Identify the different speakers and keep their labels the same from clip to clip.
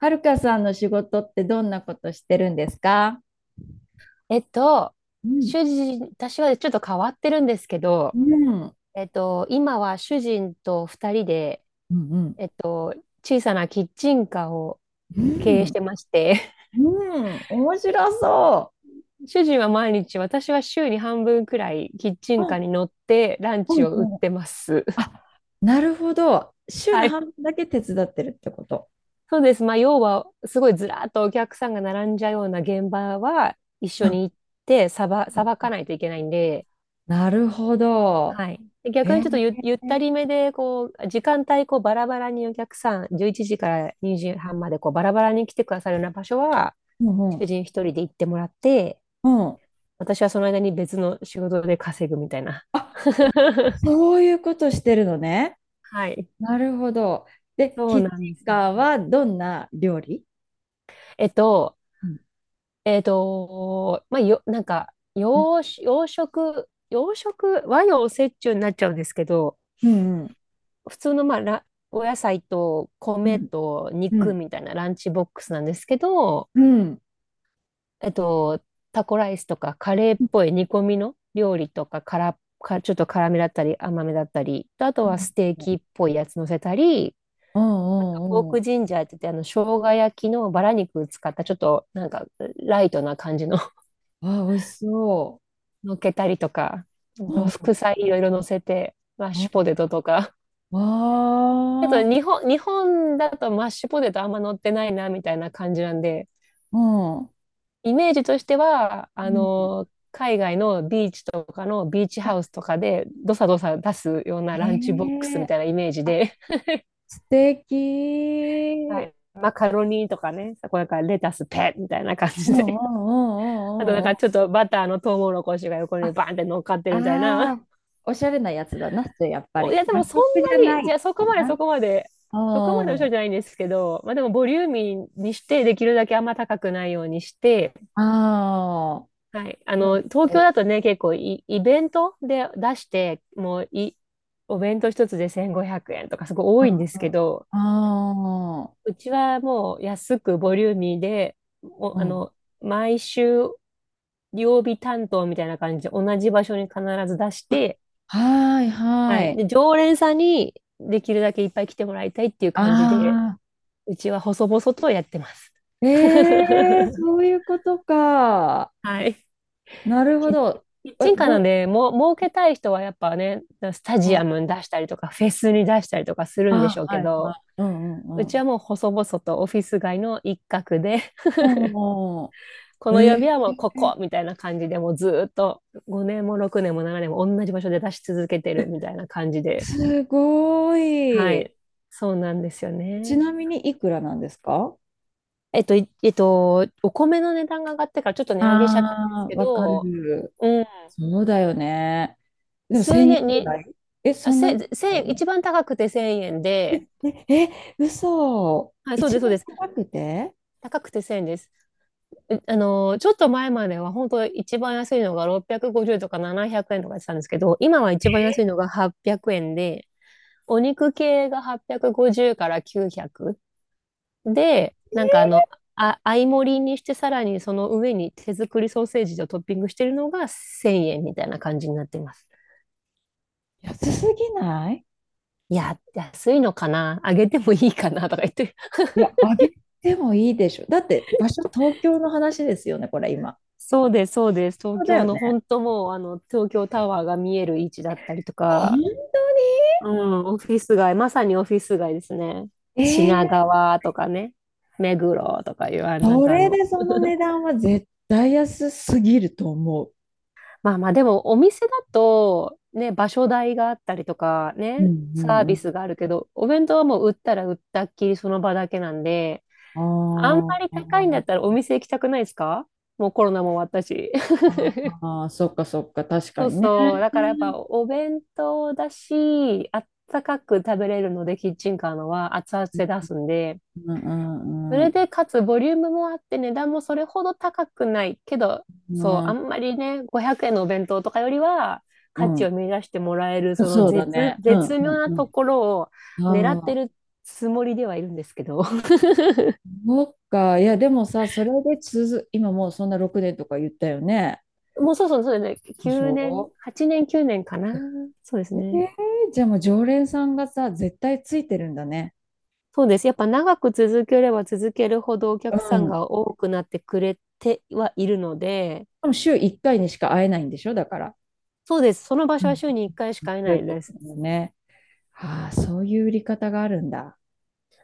Speaker 1: はるかさんの仕事ってどんなことしてるんですか？
Speaker 2: えっと、
Speaker 1: うん、
Speaker 2: 私はちょっと変わってるんですけ
Speaker 1: う
Speaker 2: ど、
Speaker 1: ん、うん、
Speaker 2: 今は主人と二人で、
Speaker 1: うん、
Speaker 2: えっと、小さなキッチンカーを
Speaker 1: う
Speaker 2: 経営し
Speaker 1: ん、
Speaker 2: てまして、
Speaker 1: うん、面白そ
Speaker 2: 主人は毎日、私は週に半分くらいキッチ
Speaker 1: う。
Speaker 2: ンカー
Speaker 1: あ、
Speaker 2: に乗ってラン
Speaker 1: う
Speaker 2: チ
Speaker 1: ん
Speaker 2: を売っ
Speaker 1: うん。
Speaker 2: てます。
Speaker 1: あ、なるほど。週の
Speaker 2: はい。
Speaker 1: 半分だけ手伝ってるってこと。
Speaker 2: そうです。まあ、要は、すごいずらーっとお客さんが並んじゃうような現場は一
Speaker 1: う
Speaker 2: 緒
Speaker 1: ん、
Speaker 2: に行って、さばかないといけないんで、
Speaker 1: なるほど。
Speaker 2: はい。で逆
Speaker 1: え
Speaker 2: にちょっと
Speaker 1: ー、
Speaker 2: ゆったりめで、こう、時間帯、こう、バラバラにお客さん、11時から2時半まで、こう、バラバラに来てくださるような場所は、
Speaker 1: うんう
Speaker 2: 主
Speaker 1: ん、
Speaker 2: 人一人で行ってもらって、
Speaker 1: うん。
Speaker 2: 私はその間に別の仕事で稼ぐみたいな。
Speaker 1: あ、そういうことしてるのね。
Speaker 2: はい。
Speaker 1: なるほど。で、
Speaker 2: そ
Speaker 1: キ
Speaker 2: う
Speaker 1: ッチ
Speaker 2: なんで
Speaker 1: ン
Speaker 2: すよ。
Speaker 1: カーはどんな料理？
Speaker 2: えっと、
Speaker 1: うん、
Speaker 2: まあ、なんか、
Speaker 1: うん、
Speaker 2: 洋食、和洋折衷になっちゃうんですけど、
Speaker 1: うん、
Speaker 2: 普通の、まあ、らお野菜と
Speaker 1: う
Speaker 2: 米
Speaker 1: ん、
Speaker 2: と
Speaker 1: う
Speaker 2: 肉
Speaker 1: ん、
Speaker 2: みたいなランチボックスなんですけど、
Speaker 1: うん。
Speaker 2: えっと、タコライスとかカレーっぽい煮込みの料理とか、からか、ちょっと辛めだったり甘めだったり、とあと
Speaker 1: う
Speaker 2: は
Speaker 1: ん
Speaker 2: ステーキっぽいやつ乗せたり、
Speaker 1: う
Speaker 2: ポー
Speaker 1: んうんう
Speaker 2: ク
Speaker 1: ん。
Speaker 2: ジンジャーって言って、あの、生姜焼きのバラ肉を使ったちょっとなんかライトな感じの
Speaker 1: わあ、美味しそ
Speaker 2: 乗っけたりとか、あ
Speaker 1: う。
Speaker 2: の
Speaker 1: う
Speaker 2: 副
Speaker 1: ん。
Speaker 2: 菜いろいろ乗せて、マッ
Speaker 1: う
Speaker 2: シュポ
Speaker 1: ん。
Speaker 2: テトとか。ちょっ
Speaker 1: わ
Speaker 2: と
Speaker 1: あ。
Speaker 2: 日本だとマッシュポテトあんま乗ってないなみたいな感じなんで、
Speaker 1: うん。うん。
Speaker 2: イメージとしては、あの、海外のビーチとかのビーチハ
Speaker 1: あ、
Speaker 2: ウスとかで、どさどさ出すような
Speaker 1: え
Speaker 2: ランチボックスみ
Speaker 1: え、
Speaker 2: たいなイメージ
Speaker 1: あ、
Speaker 2: で、
Speaker 1: 素
Speaker 2: は
Speaker 1: 敵。
Speaker 2: い、マカロニとかね、そこだからレタスペッみたいな感
Speaker 1: う
Speaker 2: じ
Speaker 1: んう
Speaker 2: で、
Speaker 1: んうんう
Speaker 2: あとなん
Speaker 1: んうんう
Speaker 2: かち
Speaker 1: ん。
Speaker 2: ょっとバターのトウモロコシが横
Speaker 1: あ、
Speaker 2: にバーンって乗っかってるみたいな。
Speaker 1: あ あ、おしゃれなやつだな、それやっぱ
Speaker 2: おい
Speaker 1: り。
Speaker 2: や、で
Speaker 1: 和
Speaker 2: もそ
Speaker 1: 食じゃ
Speaker 2: んな
Speaker 1: ない
Speaker 2: に、じゃあ
Speaker 1: かな。
Speaker 2: そこまでおしゃ
Speaker 1: う
Speaker 2: れ
Speaker 1: ん。
Speaker 2: じゃないんですけど、まあでもボリューミーにして、できるだけあんま高くないようにして、
Speaker 1: ああ、
Speaker 2: はい。あ
Speaker 1: な
Speaker 2: の、
Speaker 1: るほ
Speaker 2: 東京
Speaker 1: ど。
Speaker 2: だとね、結構イベントで出して、もうい、お弁当一つで1500円とかすごい
Speaker 1: う
Speaker 2: 多いん
Speaker 1: ん
Speaker 2: で
Speaker 1: うん。
Speaker 2: すけ
Speaker 1: あ
Speaker 2: ど、
Speaker 1: あ、
Speaker 2: うちはもう安くボリューミーで、
Speaker 1: う
Speaker 2: あ
Speaker 1: ん。
Speaker 2: の、毎週曜日担当みたいな感じで同じ場所に必ず出し
Speaker 1: あ、
Speaker 2: て、
Speaker 1: はい
Speaker 2: は
Speaker 1: は
Speaker 2: い。
Speaker 1: い。
Speaker 2: で、常連さんにできるだけいっぱい来てもらいたいっていう感じで、
Speaker 1: ああ。
Speaker 2: うちは細々とやってます。
Speaker 1: ええ、 そういうことか。
Speaker 2: はい。
Speaker 1: なるほ
Speaker 2: キッ
Speaker 1: ど。
Speaker 2: キッ
Speaker 1: え、
Speaker 2: チンカーなん
Speaker 1: ご、
Speaker 2: で、儲けたい人はやっぱね、スタ
Speaker 1: う
Speaker 2: ジア
Speaker 1: ん、
Speaker 2: ムに出したりとか、フェスに出したりとかするんで
Speaker 1: あ、
Speaker 2: しょう
Speaker 1: は
Speaker 2: け
Speaker 1: いは
Speaker 2: ど、
Speaker 1: い。うんう
Speaker 2: う
Speaker 1: んうん。
Speaker 2: ちはもう細々とオフィス街の一角で、
Speaker 1: うんうん
Speaker 2: こ
Speaker 1: うん、
Speaker 2: の
Speaker 1: え
Speaker 2: 曜日は
Speaker 1: ー、
Speaker 2: もうここみたいな感じで、もうずーっと5年も6年も7年も同じ場所で出し続けてるみたいな感じで、
Speaker 1: すご
Speaker 2: は
Speaker 1: い。
Speaker 2: い、そうなんですよ
Speaker 1: ち
Speaker 2: ね。
Speaker 1: なみにいくらなんですか？
Speaker 2: えっと、いえっと、お米の値段が上がってからちょっと値上げしちゃったんです
Speaker 1: ああー、
Speaker 2: け
Speaker 1: わか
Speaker 2: ど、
Speaker 1: る。
Speaker 2: うん、
Speaker 1: そうだよね。でも
Speaker 2: 数
Speaker 1: 1000
Speaker 2: 年
Speaker 1: 円ぐ
Speaker 2: に、
Speaker 1: らい、え、そんな安くな
Speaker 2: 千
Speaker 1: いよ
Speaker 2: 円、
Speaker 1: ね。
Speaker 2: 一番高くて1000円で、
Speaker 1: え、嘘。
Speaker 2: はい、そう
Speaker 1: 一
Speaker 2: です、そう
Speaker 1: 番
Speaker 2: です。
Speaker 1: 高くて
Speaker 2: 高くて1000円です。うあのー、ちょっと前までは本当一番安いのが650とか700円とかやってたんですけど、今は一番安いのが800円で、お肉系が850から900で、なんかあの、合い盛りにしてさらにその上に手作りソーセージをトッピングしてるのが1000円みたいな感じになってます。
Speaker 1: 安すぎない？
Speaker 2: いや、安いのかなあげてもいいかなとか言って。
Speaker 1: いや、あげてもいいでしょ。だって、場所東京の話ですよね、これ今。
Speaker 2: そうです、そうです。
Speaker 1: そ
Speaker 2: 東
Speaker 1: うだ
Speaker 2: 京
Speaker 1: よ
Speaker 2: の
Speaker 1: ね。
Speaker 2: 本当もう、あの、東京タワーが見える位置だったりと
Speaker 1: 本
Speaker 2: か、
Speaker 1: 当
Speaker 2: うん、オフィス街、まさにオフィス街ですね。
Speaker 1: にえ
Speaker 2: 品
Speaker 1: ー、
Speaker 2: 川とかね、目黒とかいう、なん
Speaker 1: そ
Speaker 2: かあ
Speaker 1: れ
Speaker 2: の、
Speaker 1: でその値段は絶対安すぎると思う。
Speaker 2: まあまあ、でもお店だと、ね、場所代があったりとか、
Speaker 1: うん
Speaker 2: ね、
Speaker 1: う
Speaker 2: サ
Speaker 1: ん
Speaker 2: ー
Speaker 1: う
Speaker 2: ビ
Speaker 1: ん。
Speaker 2: スがあるけど、お弁当はもう売ったら売ったっきりその場だけなんで、
Speaker 1: あ
Speaker 2: あんまり高いんだったら
Speaker 1: ー、
Speaker 2: お店行きたくないですか？もうコロナも終わったし。
Speaker 1: あー、そっかそっか、確か
Speaker 2: そう
Speaker 1: にね。
Speaker 2: そう。だからやっぱお弁当だし、あったかく食べれるので、キッチンカーのは熱々
Speaker 1: うん
Speaker 2: で出すんで、
Speaker 1: う
Speaker 2: そ
Speaker 1: んう
Speaker 2: れ
Speaker 1: ん。
Speaker 2: で、かつボリュームもあって値段もそれほど高くないけど、
Speaker 1: う
Speaker 2: そう、あん
Speaker 1: ん
Speaker 2: まりね、500円のお弁当とかよりは価値を見出してもらえる、
Speaker 1: うん。
Speaker 2: その
Speaker 1: そうだね。うん
Speaker 2: 絶
Speaker 1: う
Speaker 2: 妙
Speaker 1: ん
Speaker 2: な
Speaker 1: う
Speaker 2: とこ
Speaker 1: ん。
Speaker 2: ろを狙っ
Speaker 1: あ
Speaker 2: て
Speaker 1: あ、
Speaker 2: るつもりではいるんですけど。
Speaker 1: そっか。いや、でもさ、それで続、今もうそんな6年とか言ったよね。
Speaker 2: もうそうそう、そうですね。
Speaker 1: でし
Speaker 2: 9年、
Speaker 1: ょ？
Speaker 2: 8年、9年かな。そうです
Speaker 1: え
Speaker 2: ね。
Speaker 1: ー、じゃあもう常連さんがさ、絶対ついてるんだね。
Speaker 2: そうです。やっぱ長く続ければ続けるほどお客
Speaker 1: う
Speaker 2: さん
Speaker 1: ん。
Speaker 2: が多くなってくれてはいるので、
Speaker 1: でも週1回にしか会えないんでしょだから。
Speaker 2: そうです。その場
Speaker 1: う
Speaker 2: 所は
Speaker 1: ん。
Speaker 2: 週に1回しか会え
Speaker 1: そう
Speaker 2: な
Speaker 1: いう
Speaker 2: い
Speaker 1: こと
Speaker 2: です。
Speaker 1: だよね。ああ、そういう売り方があるんだ。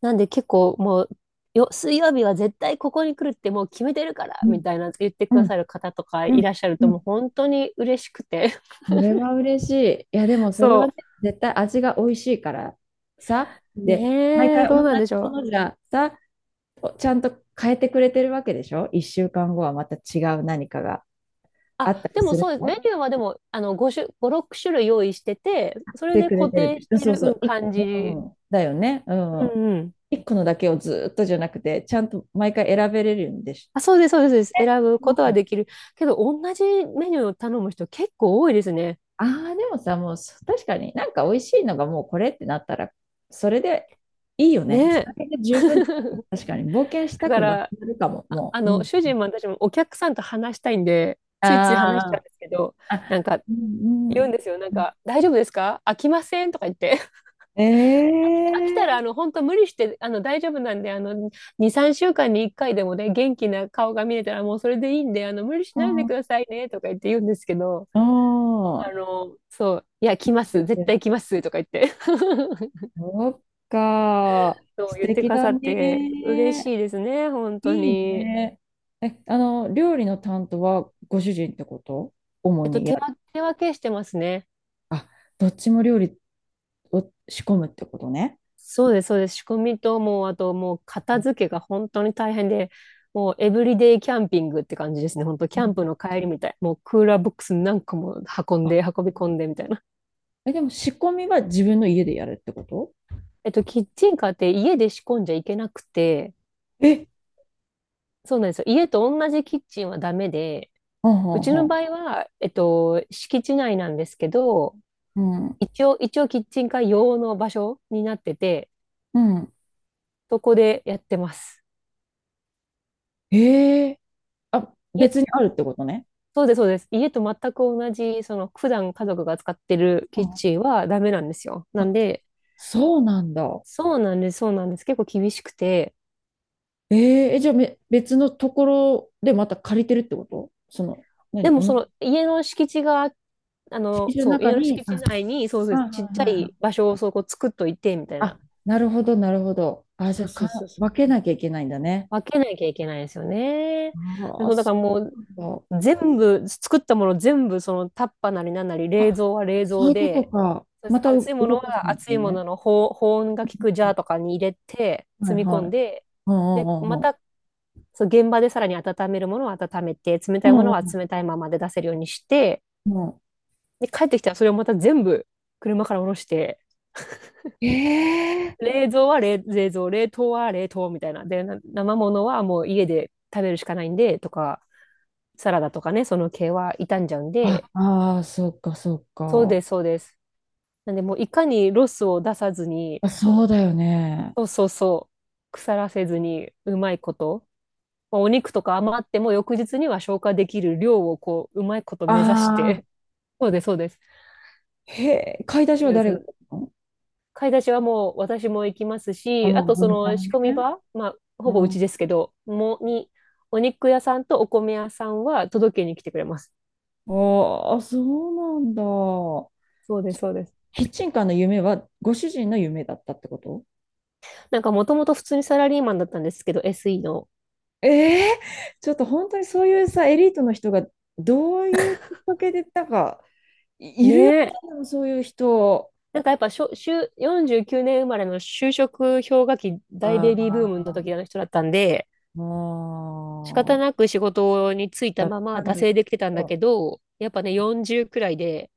Speaker 2: なんで結構もう、水曜日は絶対ここに来るってもう決めてるから
Speaker 1: う
Speaker 2: み
Speaker 1: ん
Speaker 2: たいな言って
Speaker 1: う
Speaker 2: くだ
Speaker 1: ん、
Speaker 2: さる方とか
Speaker 1: う
Speaker 2: いら
Speaker 1: ん、
Speaker 2: っしゃる
Speaker 1: う
Speaker 2: ともう
Speaker 1: ん。
Speaker 2: 本当に嬉しくて。
Speaker 1: それは嬉しい。いや、でも それはね、
Speaker 2: そ
Speaker 1: 絶対味が美味しいからさ。
Speaker 2: う。
Speaker 1: で、毎
Speaker 2: ねえ、
Speaker 1: 回
Speaker 2: ど
Speaker 1: 同
Speaker 2: うなんでし
Speaker 1: じ
Speaker 2: ょ
Speaker 1: も
Speaker 2: う。
Speaker 1: のじゃさ、ちゃんと変えてくれてるわけでしょ？ 1 週間後はまた違う何かがあ
Speaker 2: あ、
Speaker 1: ったり
Speaker 2: でも
Speaker 1: す
Speaker 2: そ
Speaker 1: る
Speaker 2: うです。メ
Speaker 1: の？
Speaker 2: ニューはでも、あの、5種、5、6種類用意してて、そ
Speaker 1: し
Speaker 2: れ
Speaker 1: て
Speaker 2: で
Speaker 1: くれ
Speaker 2: 固
Speaker 1: てるで。
Speaker 2: 定し
Speaker 1: うん
Speaker 2: て
Speaker 1: そう
Speaker 2: る、
Speaker 1: そ
Speaker 2: うん、
Speaker 1: う。い、
Speaker 2: 感
Speaker 1: う
Speaker 2: じ。
Speaker 1: ん、だよね。うん。
Speaker 2: うんうん。
Speaker 1: 一個のだけをずっとじゃなくて、ちゃんと毎回選べれるんでし
Speaker 2: あ、そうです、そうです、そうです。
Speaker 1: ょ。
Speaker 2: 選ぶこと
Speaker 1: う
Speaker 2: は
Speaker 1: ん、
Speaker 2: できる。けど、同じメニューを頼む人結構多いですね。
Speaker 1: ああ、でもさ、もう確かになんか美味しいのがもうこれってなったら、それでいいよね。
Speaker 2: ね
Speaker 1: そ
Speaker 2: え。
Speaker 1: れで十分。確かに冒険し
Speaker 2: だ
Speaker 1: た
Speaker 2: か
Speaker 1: くな
Speaker 2: ら、
Speaker 1: くなるかも、もう。うん、
Speaker 2: 主人も私もお客さんと話したいんで、ついつい話しちゃうん
Speaker 1: あー、
Speaker 2: ですけど、なん
Speaker 1: あ、
Speaker 2: か
Speaker 1: うんうん
Speaker 2: 言
Speaker 1: う
Speaker 2: うんで
Speaker 1: ん
Speaker 2: すよ。なん
Speaker 1: うん。
Speaker 2: か、大丈夫ですか？飽きませんとか言って。
Speaker 1: え
Speaker 2: 飽き
Speaker 1: え
Speaker 2: たら、あの、
Speaker 1: ー。
Speaker 2: 本当無理して、あの、大丈夫なんで、あの、2、3週間に1回でもね、元気な顔が見れたらもうそれでいいんで、あの、無理しないでくだ
Speaker 1: あ
Speaker 2: さいね、とか言って言うんですけど、
Speaker 1: あ。う
Speaker 2: あ
Speaker 1: ん、
Speaker 2: の、そう、いや、来ま
Speaker 1: プレ
Speaker 2: す、
Speaker 1: ゼ
Speaker 2: 絶
Speaker 1: ン
Speaker 2: 対
Speaker 1: ト、
Speaker 2: 来ます、とか言って。
Speaker 1: そっか。
Speaker 2: そう
Speaker 1: 素
Speaker 2: 言ってく
Speaker 1: 敵
Speaker 2: だ
Speaker 1: だ
Speaker 2: さって、嬉
Speaker 1: ね。
Speaker 2: しいですね、本当
Speaker 1: いい
Speaker 2: に。
Speaker 1: ね。え、あの、料理の担当はご主人ってこと？主
Speaker 2: えっと、
Speaker 1: にや
Speaker 2: 手
Speaker 1: る。
Speaker 2: 分手分けしてますね。
Speaker 1: あ、どっちも料理を仕込むってことね。
Speaker 2: そうです、そうです。仕込みと、もう、あと、もう、片付けが本当に大変で、もう、エブリデイキャンピングって感じですね。本当、
Speaker 1: う
Speaker 2: キャンプ
Speaker 1: ん、
Speaker 2: の帰りみたい。もう、クーラーボックス何個も運ん
Speaker 1: あ、
Speaker 2: で、運び込んで、みたいな。
Speaker 1: え、でも仕込みは自分の家でやるってこと？
Speaker 2: キッチンカーって家で仕込んじゃいけなくて、
Speaker 1: え、
Speaker 2: そうなんですよ。家と同じキッチンはダメで、
Speaker 1: はんは
Speaker 2: う
Speaker 1: ん
Speaker 2: ち
Speaker 1: は
Speaker 2: の場
Speaker 1: ん。
Speaker 2: 合は、敷地内なんですけど、
Speaker 1: うん、
Speaker 2: 一応、キッチンカー用の場所になってて、
Speaker 1: うん。
Speaker 2: そこでやってます。
Speaker 1: ええ、あ、
Speaker 2: い
Speaker 1: 別にあるってことね。
Speaker 2: そうです、そうです。家と全く同じ、その、普段家族が使ってる
Speaker 1: う
Speaker 2: キッ
Speaker 1: ん、
Speaker 2: チンはダメなんですよ。なん
Speaker 1: あ、
Speaker 2: で、
Speaker 1: そうなんだ。
Speaker 2: そうなんです、そうなんです。結構厳しくて。
Speaker 1: ええ、え、じゃあめ、別のところでまた借りてるってことその、
Speaker 2: で
Speaker 1: 何、
Speaker 2: も、
Speaker 1: 同
Speaker 2: そ
Speaker 1: じ
Speaker 2: の、家の敷地が、あ
Speaker 1: 敷
Speaker 2: の、
Speaker 1: 地の
Speaker 2: そう、
Speaker 1: 中
Speaker 2: 家の
Speaker 1: に、
Speaker 2: 敷
Speaker 1: あ、
Speaker 2: 地
Speaker 1: は
Speaker 2: 内に、そう
Speaker 1: い
Speaker 2: です、ち
Speaker 1: は
Speaker 2: っちゃ
Speaker 1: いはい、
Speaker 2: い場所をそこ作っといて、みたいな。
Speaker 1: あ、なるほど、なるほど。あ、じ
Speaker 2: そ
Speaker 1: ゃあ
Speaker 2: うそ
Speaker 1: か、
Speaker 2: うそうそう。
Speaker 1: 分けなきゃいけないんだね。
Speaker 2: 分けなきゃいけないですよね。そ
Speaker 1: ああ、
Speaker 2: う、だか
Speaker 1: そ
Speaker 2: らも
Speaker 1: うなんだ。
Speaker 2: う、全部、作ったもの全部、そのタッパーなりなんなり、冷
Speaker 1: あ、
Speaker 2: 蔵は冷
Speaker 1: そう
Speaker 2: 蔵
Speaker 1: いうこと
Speaker 2: で、
Speaker 1: か。また
Speaker 2: 熱
Speaker 1: う
Speaker 2: いもの
Speaker 1: 動かさ
Speaker 2: は
Speaker 1: ないゃ
Speaker 2: 熱いも
Speaker 1: ね。
Speaker 2: のの保温が効くジャーとかに入れて、
Speaker 1: は
Speaker 2: 積
Speaker 1: い
Speaker 2: み込
Speaker 1: は
Speaker 2: ん
Speaker 1: い。
Speaker 2: で、
Speaker 1: うんう
Speaker 2: で、
Speaker 1: ん
Speaker 2: ま
Speaker 1: うんう
Speaker 2: た、そう現場でさらに温めるものは温めて、冷たいも
Speaker 1: ん。
Speaker 2: の
Speaker 1: う
Speaker 2: は
Speaker 1: ん
Speaker 2: 冷たいままで出せるようにして、
Speaker 1: うんう
Speaker 2: で、帰ってきたらそれをまた全部車から下ろして、
Speaker 1: ん。ええ、
Speaker 2: 冷蔵は冷蔵、冷凍は冷凍みたいな。で、生物はもう家で食べるしかないんで、とか、サラダとかね、その系は傷んじゃうん
Speaker 1: あ、
Speaker 2: で、
Speaker 1: ああ、そうか、そう
Speaker 2: そう
Speaker 1: か。
Speaker 2: です、そうです。なんでもういかにロスを出さずに、
Speaker 1: あ、そうだよね。
Speaker 2: そうそうそう、腐らせずにうまいこと、まあ、お肉とか余っても翌日には消化できる量をこう、うまいこと目指し
Speaker 1: ああ、
Speaker 2: て、そうです、そうです。っ
Speaker 1: へえ、買い出し
Speaker 2: て
Speaker 1: は
Speaker 2: いうそ
Speaker 1: 誰が
Speaker 2: の
Speaker 1: やったの？
Speaker 2: 買い出しはもう私も行きます
Speaker 1: あ
Speaker 2: し、あ
Speaker 1: の、
Speaker 2: とそ
Speaker 1: 分
Speaker 2: の
Speaker 1: 担
Speaker 2: 仕込み
Speaker 1: ね。
Speaker 2: 場、まあ、
Speaker 1: う
Speaker 2: ほぼうち
Speaker 1: ん。
Speaker 2: ですけど、お肉屋さんとお米屋さんは届けに来てくれます。
Speaker 1: ああ、そうなんだ。
Speaker 2: そうです、そうです。
Speaker 1: キッチンカーの夢はご主人の夢だったってこと？
Speaker 2: なんかもともと普通にサラリーマンだったんですけど、SE の。
Speaker 1: ええ、ちょっと本当にそういうさ、エリートの人がどういうきっかけで、なんか、い、いるよね、
Speaker 2: ね、
Speaker 1: でもそういう人。
Speaker 2: なんかやっぱしょ、就49年生まれの就職氷河期大
Speaker 1: あ
Speaker 2: ベビーブームの
Speaker 1: あ、
Speaker 2: 時の人だったんで、仕方
Speaker 1: もう、
Speaker 2: なく仕事に就いた
Speaker 1: だっ
Speaker 2: ま
Speaker 1: た
Speaker 2: ま
Speaker 1: ん
Speaker 2: 惰
Speaker 1: だけ
Speaker 2: 性できてたんだ
Speaker 1: ど、
Speaker 2: けど、やっぱね、40くらいで、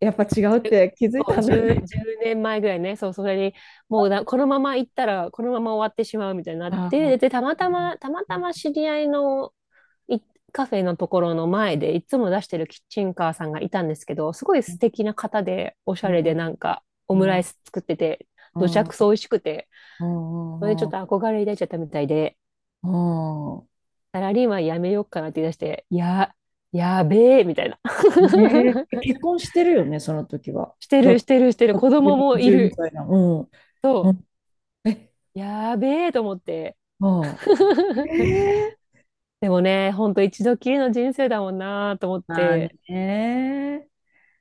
Speaker 1: やっぱ違うっ
Speaker 2: それ
Speaker 1: て気づい
Speaker 2: そ
Speaker 1: た
Speaker 2: う
Speaker 1: んだ
Speaker 2: 10、
Speaker 1: ね。
Speaker 2: 年前ぐらいね、そう、それに、もうなこのまま行ったら、このまま終わってしまうみたいになっ
Speaker 1: あ
Speaker 2: て、
Speaker 1: あ、
Speaker 2: で、たまたま、たま
Speaker 1: う
Speaker 2: たま知り合いのカフェのところの前でいつも出してるキッチンカーさんがいたんですけど、すごい
Speaker 1: ん、
Speaker 2: 素敵な方で、おしゃ
Speaker 1: う
Speaker 2: れで
Speaker 1: ん、
Speaker 2: なんかオム
Speaker 1: う
Speaker 2: ライ
Speaker 1: ん、
Speaker 2: ス作ってて、
Speaker 1: う
Speaker 2: どちゃ
Speaker 1: ん、
Speaker 2: くそ美味しくて、
Speaker 1: う
Speaker 2: それでちょっと
Speaker 1: ん、
Speaker 2: 憧れ抱いちゃったみたいで、
Speaker 1: うん。
Speaker 2: サラリーマンやめようかなって言い出して、いや、やべえ、みたいな
Speaker 1: ねえ、結婚してるよね、その時は。
Speaker 2: して
Speaker 1: だ、
Speaker 2: る、
Speaker 1: だ
Speaker 2: してる、してる。子供もい
Speaker 1: 1
Speaker 2: る。
Speaker 1: 歳なの。うん。う
Speaker 2: と
Speaker 1: ん、え、
Speaker 2: やべえと思って
Speaker 1: あ あ、ええ、
Speaker 2: でもね、ほんと一度きりの人生だもんなと思っ
Speaker 1: まあ
Speaker 2: て、
Speaker 1: ね。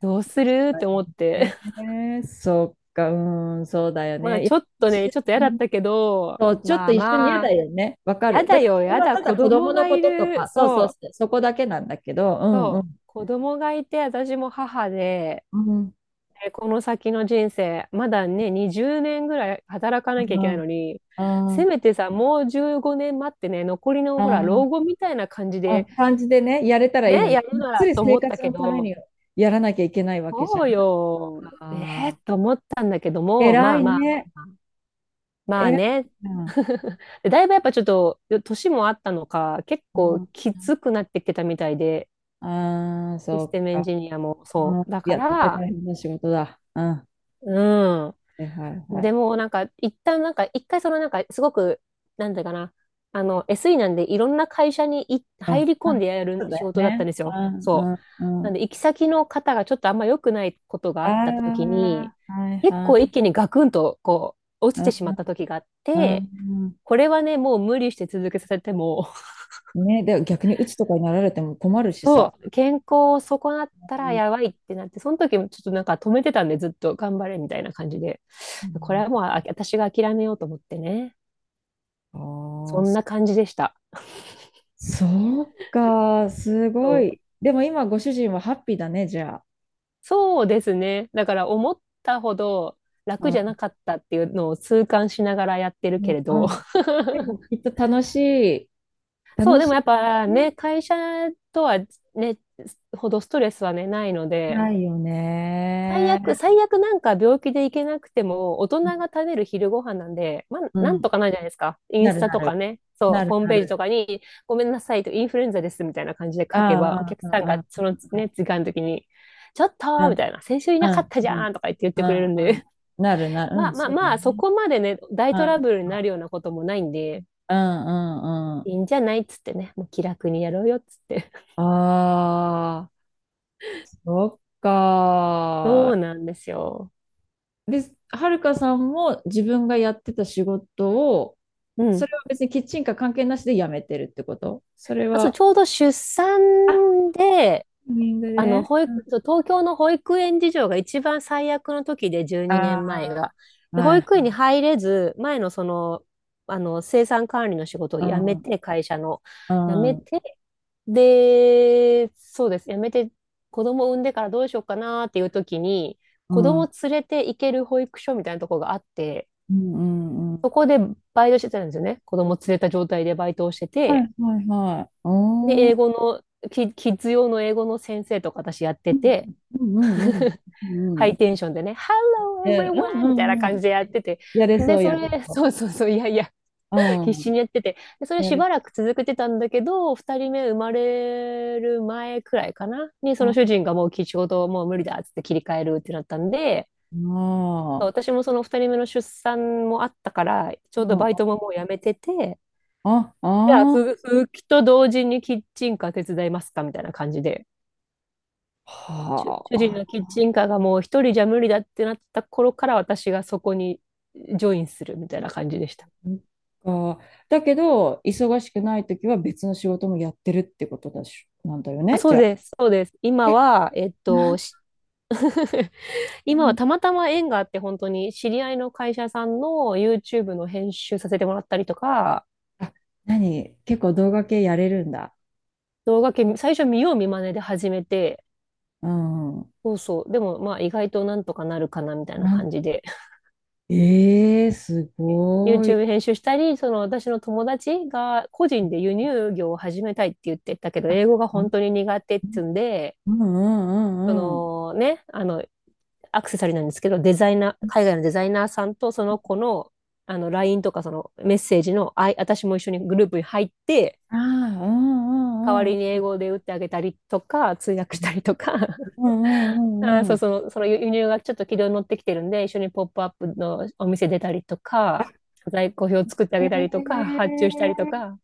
Speaker 2: どうするっ
Speaker 1: ま
Speaker 2: て思って、
Speaker 1: あね、そっか、うん、そうだよ
Speaker 2: まあ
Speaker 1: ね。いや
Speaker 2: ちょっと
Speaker 1: 一
Speaker 2: ね、
Speaker 1: 緒
Speaker 2: ちょっと嫌
Speaker 1: う
Speaker 2: だっ
Speaker 1: ん、
Speaker 2: たけど、
Speaker 1: そう、ちょっ
Speaker 2: ま
Speaker 1: と
Speaker 2: あ
Speaker 1: 一緒に嫌
Speaker 2: ま
Speaker 1: だ
Speaker 2: あ、
Speaker 1: よね。わか
Speaker 2: 嫌
Speaker 1: る。だ
Speaker 2: だ
Speaker 1: って
Speaker 2: よ、
Speaker 1: それ
Speaker 2: 嫌
Speaker 1: は
Speaker 2: だ、
Speaker 1: ただ
Speaker 2: 子
Speaker 1: 子
Speaker 2: 供
Speaker 1: 供の
Speaker 2: が
Speaker 1: こ
Speaker 2: い
Speaker 1: とと
Speaker 2: る、
Speaker 1: か、そうそ
Speaker 2: そ
Speaker 1: う、
Speaker 2: う、
Speaker 1: そこだけなんだけど、うんうん。
Speaker 2: 子供がいて、私も母で、ね、
Speaker 1: うん。
Speaker 2: この先の人生、まだね、20年ぐらい働か
Speaker 1: あ
Speaker 2: なきゃいけないのに、せ
Speaker 1: あ、
Speaker 2: めてさ、もう15年待ってね、残りのほら、老
Speaker 1: あ
Speaker 2: 後みたいな感じ
Speaker 1: あ、あ
Speaker 2: で、
Speaker 1: 感じでね、やれたらいいの
Speaker 2: ね、や
Speaker 1: に、
Speaker 2: る
Speaker 1: がっ
Speaker 2: な
Speaker 1: つ
Speaker 2: ら
Speaker 1: り
Speaker 2: と
Speaker 1: 生
Speaker 2: 思った
Speaker 1: 活
Speaker 2: け
Speaker 1: のため
Speaker 2: ど、
Speaker 1: にやらなきゃいけないわけじゃん。
Speaker 2: そうよ、え
Speaker 1: ああ、
Speaker 2: と思ったんだけども、
Speaker 1: 偉
Speaker 2: まあ
Speaker 1: い
Speaker 2: まあ、
Speaker 1: ね。
Speaker 2: まあ
Speaker 1: 偉
Speaker 2: ね。
Speaker 1: いな。
Speaker 2: でだいぶやっぱちょっと、年もあったのか、結構
Speaker 1: あ
Speaker 2: きつくなってきてたみたいで、
Speaker 1: あ、ああ、
Speaker 2: シス
Speaker 1: そ
Speaker 2: テ
Speaker 1: っ
Speaker 2: ムエン
Speaker 1: か。
Speaker 2: ジニアも
Speaker 1: あ
Speaker 2: そ
Speaker 1: ー、
Speaker 2: う。だ
Speaker 1: い
Speaker 2: か
Speaker 1: や、絶対大
Speaker 2: ら、
Speaker 1: 変な仕事だ。うん。は
Speaker 2: う
Speaker 1: いはい
Speaker 2: ん。
Speaker 1: はい。
Speaker 2: でもなんか、一旦なんか、一回そのなんか、すごく、なんだかな、あの、SE なんでいろんな会社にい
Speaker 1: う
Speaker 2: 入
Speaker 1: ん。
Speaker 2: り
Speaker 1: う
Speaker 2: 込んで
Speaker 1: ん、
Speaker 2: や
Speaker 1: そ
Speaker 2: る
Speaker 1: う
Speaker 2: 仕
Speaker 1: だよ
Speaker 2: 事だったん
Speaker 1: ね。
Speaker 2: ですよ。
Speaker 1: うん、う
Speaker 2: そう。
Speaker 1: ん、う
Speaker 2: なん
Speaker 1: ん。
Speaker 2: で、行き先の方がちょっとあんま良くないことがあった時
Speaker 1: あ
Speaker 2: に、
Speaker 1: あ、はい
Speaker 2: 結
Speaker 1: は
Speaker 2: 構
Speaker 1: い。
Speaker 2: 一気にガクンとこう、落
Speaker 1: う
Speaker 2: ちて
Speaker 1: ん、
Speaker 2: しまった時があっ
Speaker 1: う
Speaker 2: て、
Speaker 1: んう
Speaker 2: これはね、もう無理して続けさせても、
Speaker 1: ん。ね、で、逆に鬱とかになられても困るしさ。
Speaker 2: そう、健康を損なったらやばいってなって、その時もちょっとなんか止めてたんで、ずっと頑張れみたいな感じで、
Speaker 1: う
Speaker 2: これ
Speaker 1: ん、
Speaker 2: はもう私が諦めようと思ってね、
Speaker 1: あ
Speaker 2: そ
Speaker 1: あ、
Speaker 2: ん
Speaker 1: そ、
Speaker 2: な感じでした。
Speaker 1: そうか、す
Speaker 2: そ
Speaker 1: ご
Speaker 2: う、
Speaker 1: い。でも今、ご主人はハッピーだね、じゃあ。
Speaker 2: そうですね。だから思ったほど
Speaker 1: う
Speaker 2: 楽じゃな
Speaker 1: ん、
Speaker 2: かったっていうのを痛感しながらやってるけれ
Speaker 1: う
Speaker 2: ど、
Speaker 1: ん。で も、きっと楽しい。
Speaker 2: そ
Speaker 1: 楽
Speaker 2: う、でも
Speaker 1: し
Speaker 2: やっぱ
Speaker 1: い
Speaker 2: ね、
Speaker 1: ね。
Speaker 2: 会社とはね、ほどストレスはね、ないので、
Speaker 1: ないよ
Speaker 2: 最悪、
Speaker 1: ね。
Speaker 2: 最悪なんか病気で行けなくても、大人が食べる昼ご飯なんで、まあ、
Speaker 1: う
Speaker 2: なん
Speaker 1: ん。
Speaker 2: とかなるじゃないですか。イン
Speaker 1: な
Speaker 2: ス
Speaker 1: る
Speaker 2: タ
Speaker 1: な
Speaker 2: とか
Speaker 1: る。
Speaker 2: ね、そう、
Speaker 1: なる
Speaker 2: ホーム
Speaker 1: な
Speaker 2: ページと
Speaker 1: る。
Speaker 2: かに、ごめんなさいと、インフルエンザですみたいな感じで書けば、お
Speaker 1: ああ、
Speaker 2: 客
Speaker 1: う
Speaker 2: さん
Speaker 1: んう
Speaker 2: がそ
Speaker 1: ん
Speaker 2: のね、時間の時に、ちょっとー
Speaker 1: う
Speaker 2: み
Speaker 1: ん
Speaker 2: たいな、先週い
Speaker 1: う
Speaker 2: なかっ
Speaker 1: ん
Speaker 2: た
Speaker 1: う
Speaker 2: じゃ
Speaker 1: ん
Speaker 2: んとか言って言っ
Speaker 1: うんう
Speaker 2: てくれる
Speaker 1: ん
Speaker 2: ん
Speaker 1: う
Speaker 2: で、
Speaker 1: ん、なるな る、う
Speaker 2: まあ
Speaker 1: ん、
Speaker 2: まあ
Speaker 1: そうだ
Speaker 2: まあ、そ
Speaker 1: ね。
Speaker 2: こまでね、大
Speaker 1: うん、
Speaker 2: トラ
Speaker 1: う
Speaker 2: ブルになるようなこともないんで、
Speaker 1: ん、うん、う
Speaker 2: い
Speaker 1: ん。
Speaker 2: いんじゃないっつってね、もう気楽にやろうよっつって。
Speaker 1: ああ、そっ
Speaker 2: そう
Speaker 1: か
Speaker 2: なんですよ。
Speaker 1: ー。で、はるかさんも自分がやってた仕事を、
Speaker 2: う
Speaker 1: そ
Speaker 2: ん。
Speaker 1: れは別にキッチンカー関係なしで辞めてるってこと、それ
Speaker 2: あ、そう、
Speaker 1: は、
Speaker 2: ちょうど出産
Speaker 1: あ、
Speaker 2: で、
Speaker 1: タイミング
Speaker 2: あの、
Speaker 1: で。うん、
Speaker 2: そう、東京の保育園事情が一番最悪の時で、12
Speaker 1: あ
Speaker 2: 年前が。
Speaker 1: あ、
Speaker 2: で、
Speaker 1: は
Speaker 2: 保
Speaker 1: い。
Speaker 2: 育園に入れず、前のその、あの、生産管理の仕事を
Speaker 1: う
Speaker 2: 辞めて、会社の、辞
Speaker 1: ん、
Speaker 2: め
Speaker 1: うん、
Speaker 2: て、で、そうです、辞めて、子供産んでからどうしようかなっていう時に、
Speaker 1: う
Speaker 2: 子
Speaker 1: ん、うん、
Speaker 2: 供
Speaker 1: う
Speaker 2: 連れて行ける保育所みたいなとこがあって、
Speaker 1: ん。うん、
Speaker 2: そこでバイトしてたんですよね。子供連れた状態でバイトをして
Speaker 1: は
Speaker 2: て、
Speaker 1: い、はい、はい。
Speaker 2: で、
Speaker 1: お
Speaker 2: 英
Speaker 1: ー、
Speaker 2: 語の、キッズ用の英語の先生とか私やって
Speaker 1: うん
Speaker 2: て、
Speaker 1: うんうんう
Speaker 2: ハ
Speaker 1: んうん。
Speaker 2: イ
Speaker 1: い
Speaker 2: テンションでね、Hello
Speaker 1: や、うん
Speaker 2: everyone!
Speaker 1: う
Speaker 2: みたいな
Speaker 1: んう
Speaker 2: 感
Speaker 1: ん。
Speaker 2: じでやってて、
Speaker 1: やれ
Speaker 2: で、
Speaker 1: そう、
Speaker 2: そ
Speaker 1: やれ
Speaker 2: れ、
Speaker 1: そ
Speaker 2: そうそうそう、いやいや、
Speaker 1: う。
Speaker 2: 必
Speaker 1: う
Speaker 2: 死
Speaker 1: ん。
Speaker 2: にやってて、でそれ
Speaker 1: や
Speaker 2: し
Speaker 1: る。
Speaker 2: ばらく続けてたんだけど、2人目生まれる前くらいかな、にその主
Speaker 1: あ
Speaker 2: 人がもうちょうどもう無理だっつって切り替えるってなったんで、
Speaker 1: あ、
Speaker 2: 私もその2人目の出産もあったから、ちょうどバイト
Speaker 1: あ
Speaker 2: ももうやめてて、
Speaker 1: あ、
Speaker 2: じゃあ、
Speaker 1: あ
Speaker 2: 復帰と同時にキッチンカー手伝いますかみたいな感じで。
Speaker 1: あ、
Speaker 2: 主
Speaker 1: は
Speaker 2: 主人
Speaker 1: あ、
Speaker 2: のキッチンカーがもう一人じゃ無理だってなった頃から私がそこにジョインするみたいな感じでした。
Speaker 1: そっか。だけど、忙しくないときは別の仕事もやってるってことだし、なんだよ
Speaker 2: あ、
Speaker 1: ね、
Speaker 2: そ
Speaker 1: じ
Speaker 2: う
Speaker 1: ゃあ。
Speaker 2: です、そうです。今
Speaker 1: え、
Speaker 2: は、
Speaker 1: なん、
Speaker 2: 今はたまたま縁があって本当に知り合いの会社さんの YouTube の編集させてもらったりとか、
Speaker 1: あ、何結構動画系やれるんだ。
Speaker 2: 動画系最初見よう見まねで始めて、
Speaker 1: うん。
Speaker 2: そうそう、でもまあ意外となんとかなるかなみたいな
Speaker 1: なん、
Speaker 2: 感じで
Speaker 1: ええー、すごい。
Speaker 2: YouTube 編集したり、その私の友達が個人で輸入業を始めたいって言ってたけど、
Speaker 1: あ、
Speaker 2: 英語が
Speaker 1: あ、う
Speaker 2: 本当
Speaker 1: ん
Speaker 2: に苦手っつうんで、
Speaker 1: うん
Speaker 2: そ
Speaker 1: うんうん。
Speaker 2: のね、あの、アクセサリーなんですけど、デザイナー、海外のデザイナーさんとその子の、あの、LINE とかそのメッセージの、私も一緒にグループに入って、
Speaker 1: ああ、う
Speaker 2: 代わ
Speaker 1: んうん
Speaker 2: りに英語で打ってあげたりとか、通訳したりとか、
Speaker 1: うんうんうんうんうんう
Speaker 2: そう、
Speaker 1: ん、
Speaker 2: その輸入がちょっと軌道に乗ってきてるんで、一緒にポップアップのお店出たりとか、在庫表作ってあ
Speaker 1: へ
Speaker 2: げたりとか、発注したりと
Speaker 1: え。
Speaker 2: か、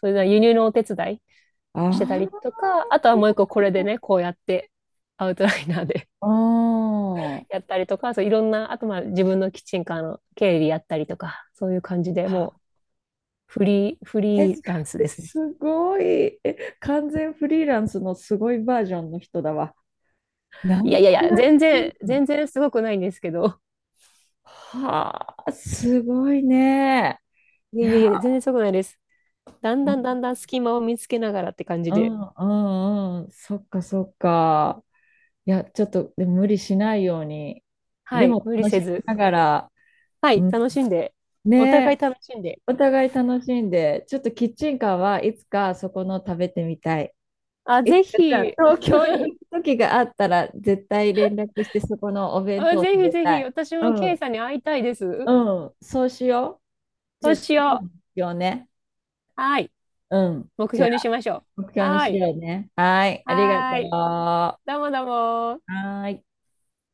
Speaker 2: それで輸入のお手伝い
Speaker 1: あ
Speaker 2: してたりとか、あとはもう一個これでね、こうやってアウトライナーで
Speaker 1: あ、うん。
Speaker 2: やったりとか、そういろんな、あとまあ自分のキッチンカーの経理やったりとか、そういう感じでもうフリー、フ
Speaker 1: え、じ
Speaker 2: リ
Speaker 1: ゃ
Speaker 2: ーランス
Speaker 1: あ
Speaker 2: ですね。
Speaker 1: すごい。え、完全フリーランスのすごいバージョンの人だわ。
Speaker 2: いや
Speaker 1: 何
Speaker 2: いやい
Speaker 1: 個
Speaker 2: や、
Speaker 1: やっ
Speaker 2: 全
Speaker 1: て
Speaker 2: 然、
Speaker 1: るの？
Speaker 2: 全然すごくないんですけど、
Speaker 1: はあ、すごいね。
Speaker 2: い
Speaker 1: い
Speaker 2: やいや
Speaker 1: や、
Speaker 2: いや、全然すごくないです。だん
Speaker 1: う
Speaker 2: だ
Speaker 1: ん
Speaker 2: んだんだん隙間を見つけながらって感じ
Speaker 1: う
Speaker 2: で。
Speaker 1: んうん。そっかそっか。いや、ちょっとでも無理しないように。
Speaker 2: は
Speaker 1: で
Speaker 2: い、
Speaker 1: も
Speaker 2: 無理
Speaker 1: 楽し
Speaker 2: せ
Speaker 1: み
Speaker 2: ず。
Speaker 1: ながら、
Speaker 2: はい、
Speaker 1: うん、
Speaker 2: 楽しんで。お互い
Speaker 1: ね、
Speaker 2: 楽しんで。
Speaker 1: お互い楽しんで、ちょっとキッチンカーはいつかそこの食べてみたい。
Speaker 2: あ、
Speaker 1: い
Speaker 2: ぜ
Speaker 1: つか
Speaker 2: ひ、
Speaker 1: 東京に行く時があったら、絶対連絡してそこのお弁
Speaker 2: あ、
Speaker 1: 当を
Speaker 2: ぜ
Speaker 1: 食
Speaker 2: ひ
Speaker 1: べ
Speaker 2: ぜ
Speaker 1: た
Speaker 2: ひ、
Speaker 1: い。
Speaker 2: 私
Speaker 1: う
Speaker 2: もケイ
Speaker 1: ん、
Speaker 2: さんに会いたいです。
Speaker 1: うん、そうしよう。じ
Speaker 2: そ
Speaker 1: ゃ
Speaker 2: う
Speaker 1: あ
Speaker 2: し
Speaker 1: 次の
Speaker 2: よ
Speaker 1: 目標ね。
Speaker 2: う。はい。
Speaker 1: うん、
Speaker 2: 目
Speaker 1: じゃ
Speaker 2: 標にし
Speaker 1: あ
Speaker 2: ましょ
Speaker 1: 目
Speaker 2: う。
Speaker 1: 標に
Speaker 2: は
Speaker 1: し
Speaker 2: い。
Speaker 1: ようね。はい、ありがと
Speaker 2: はい。
Speaker 1: う。は
Speaker 2: どうもどうも。
Speaker 1: ーい。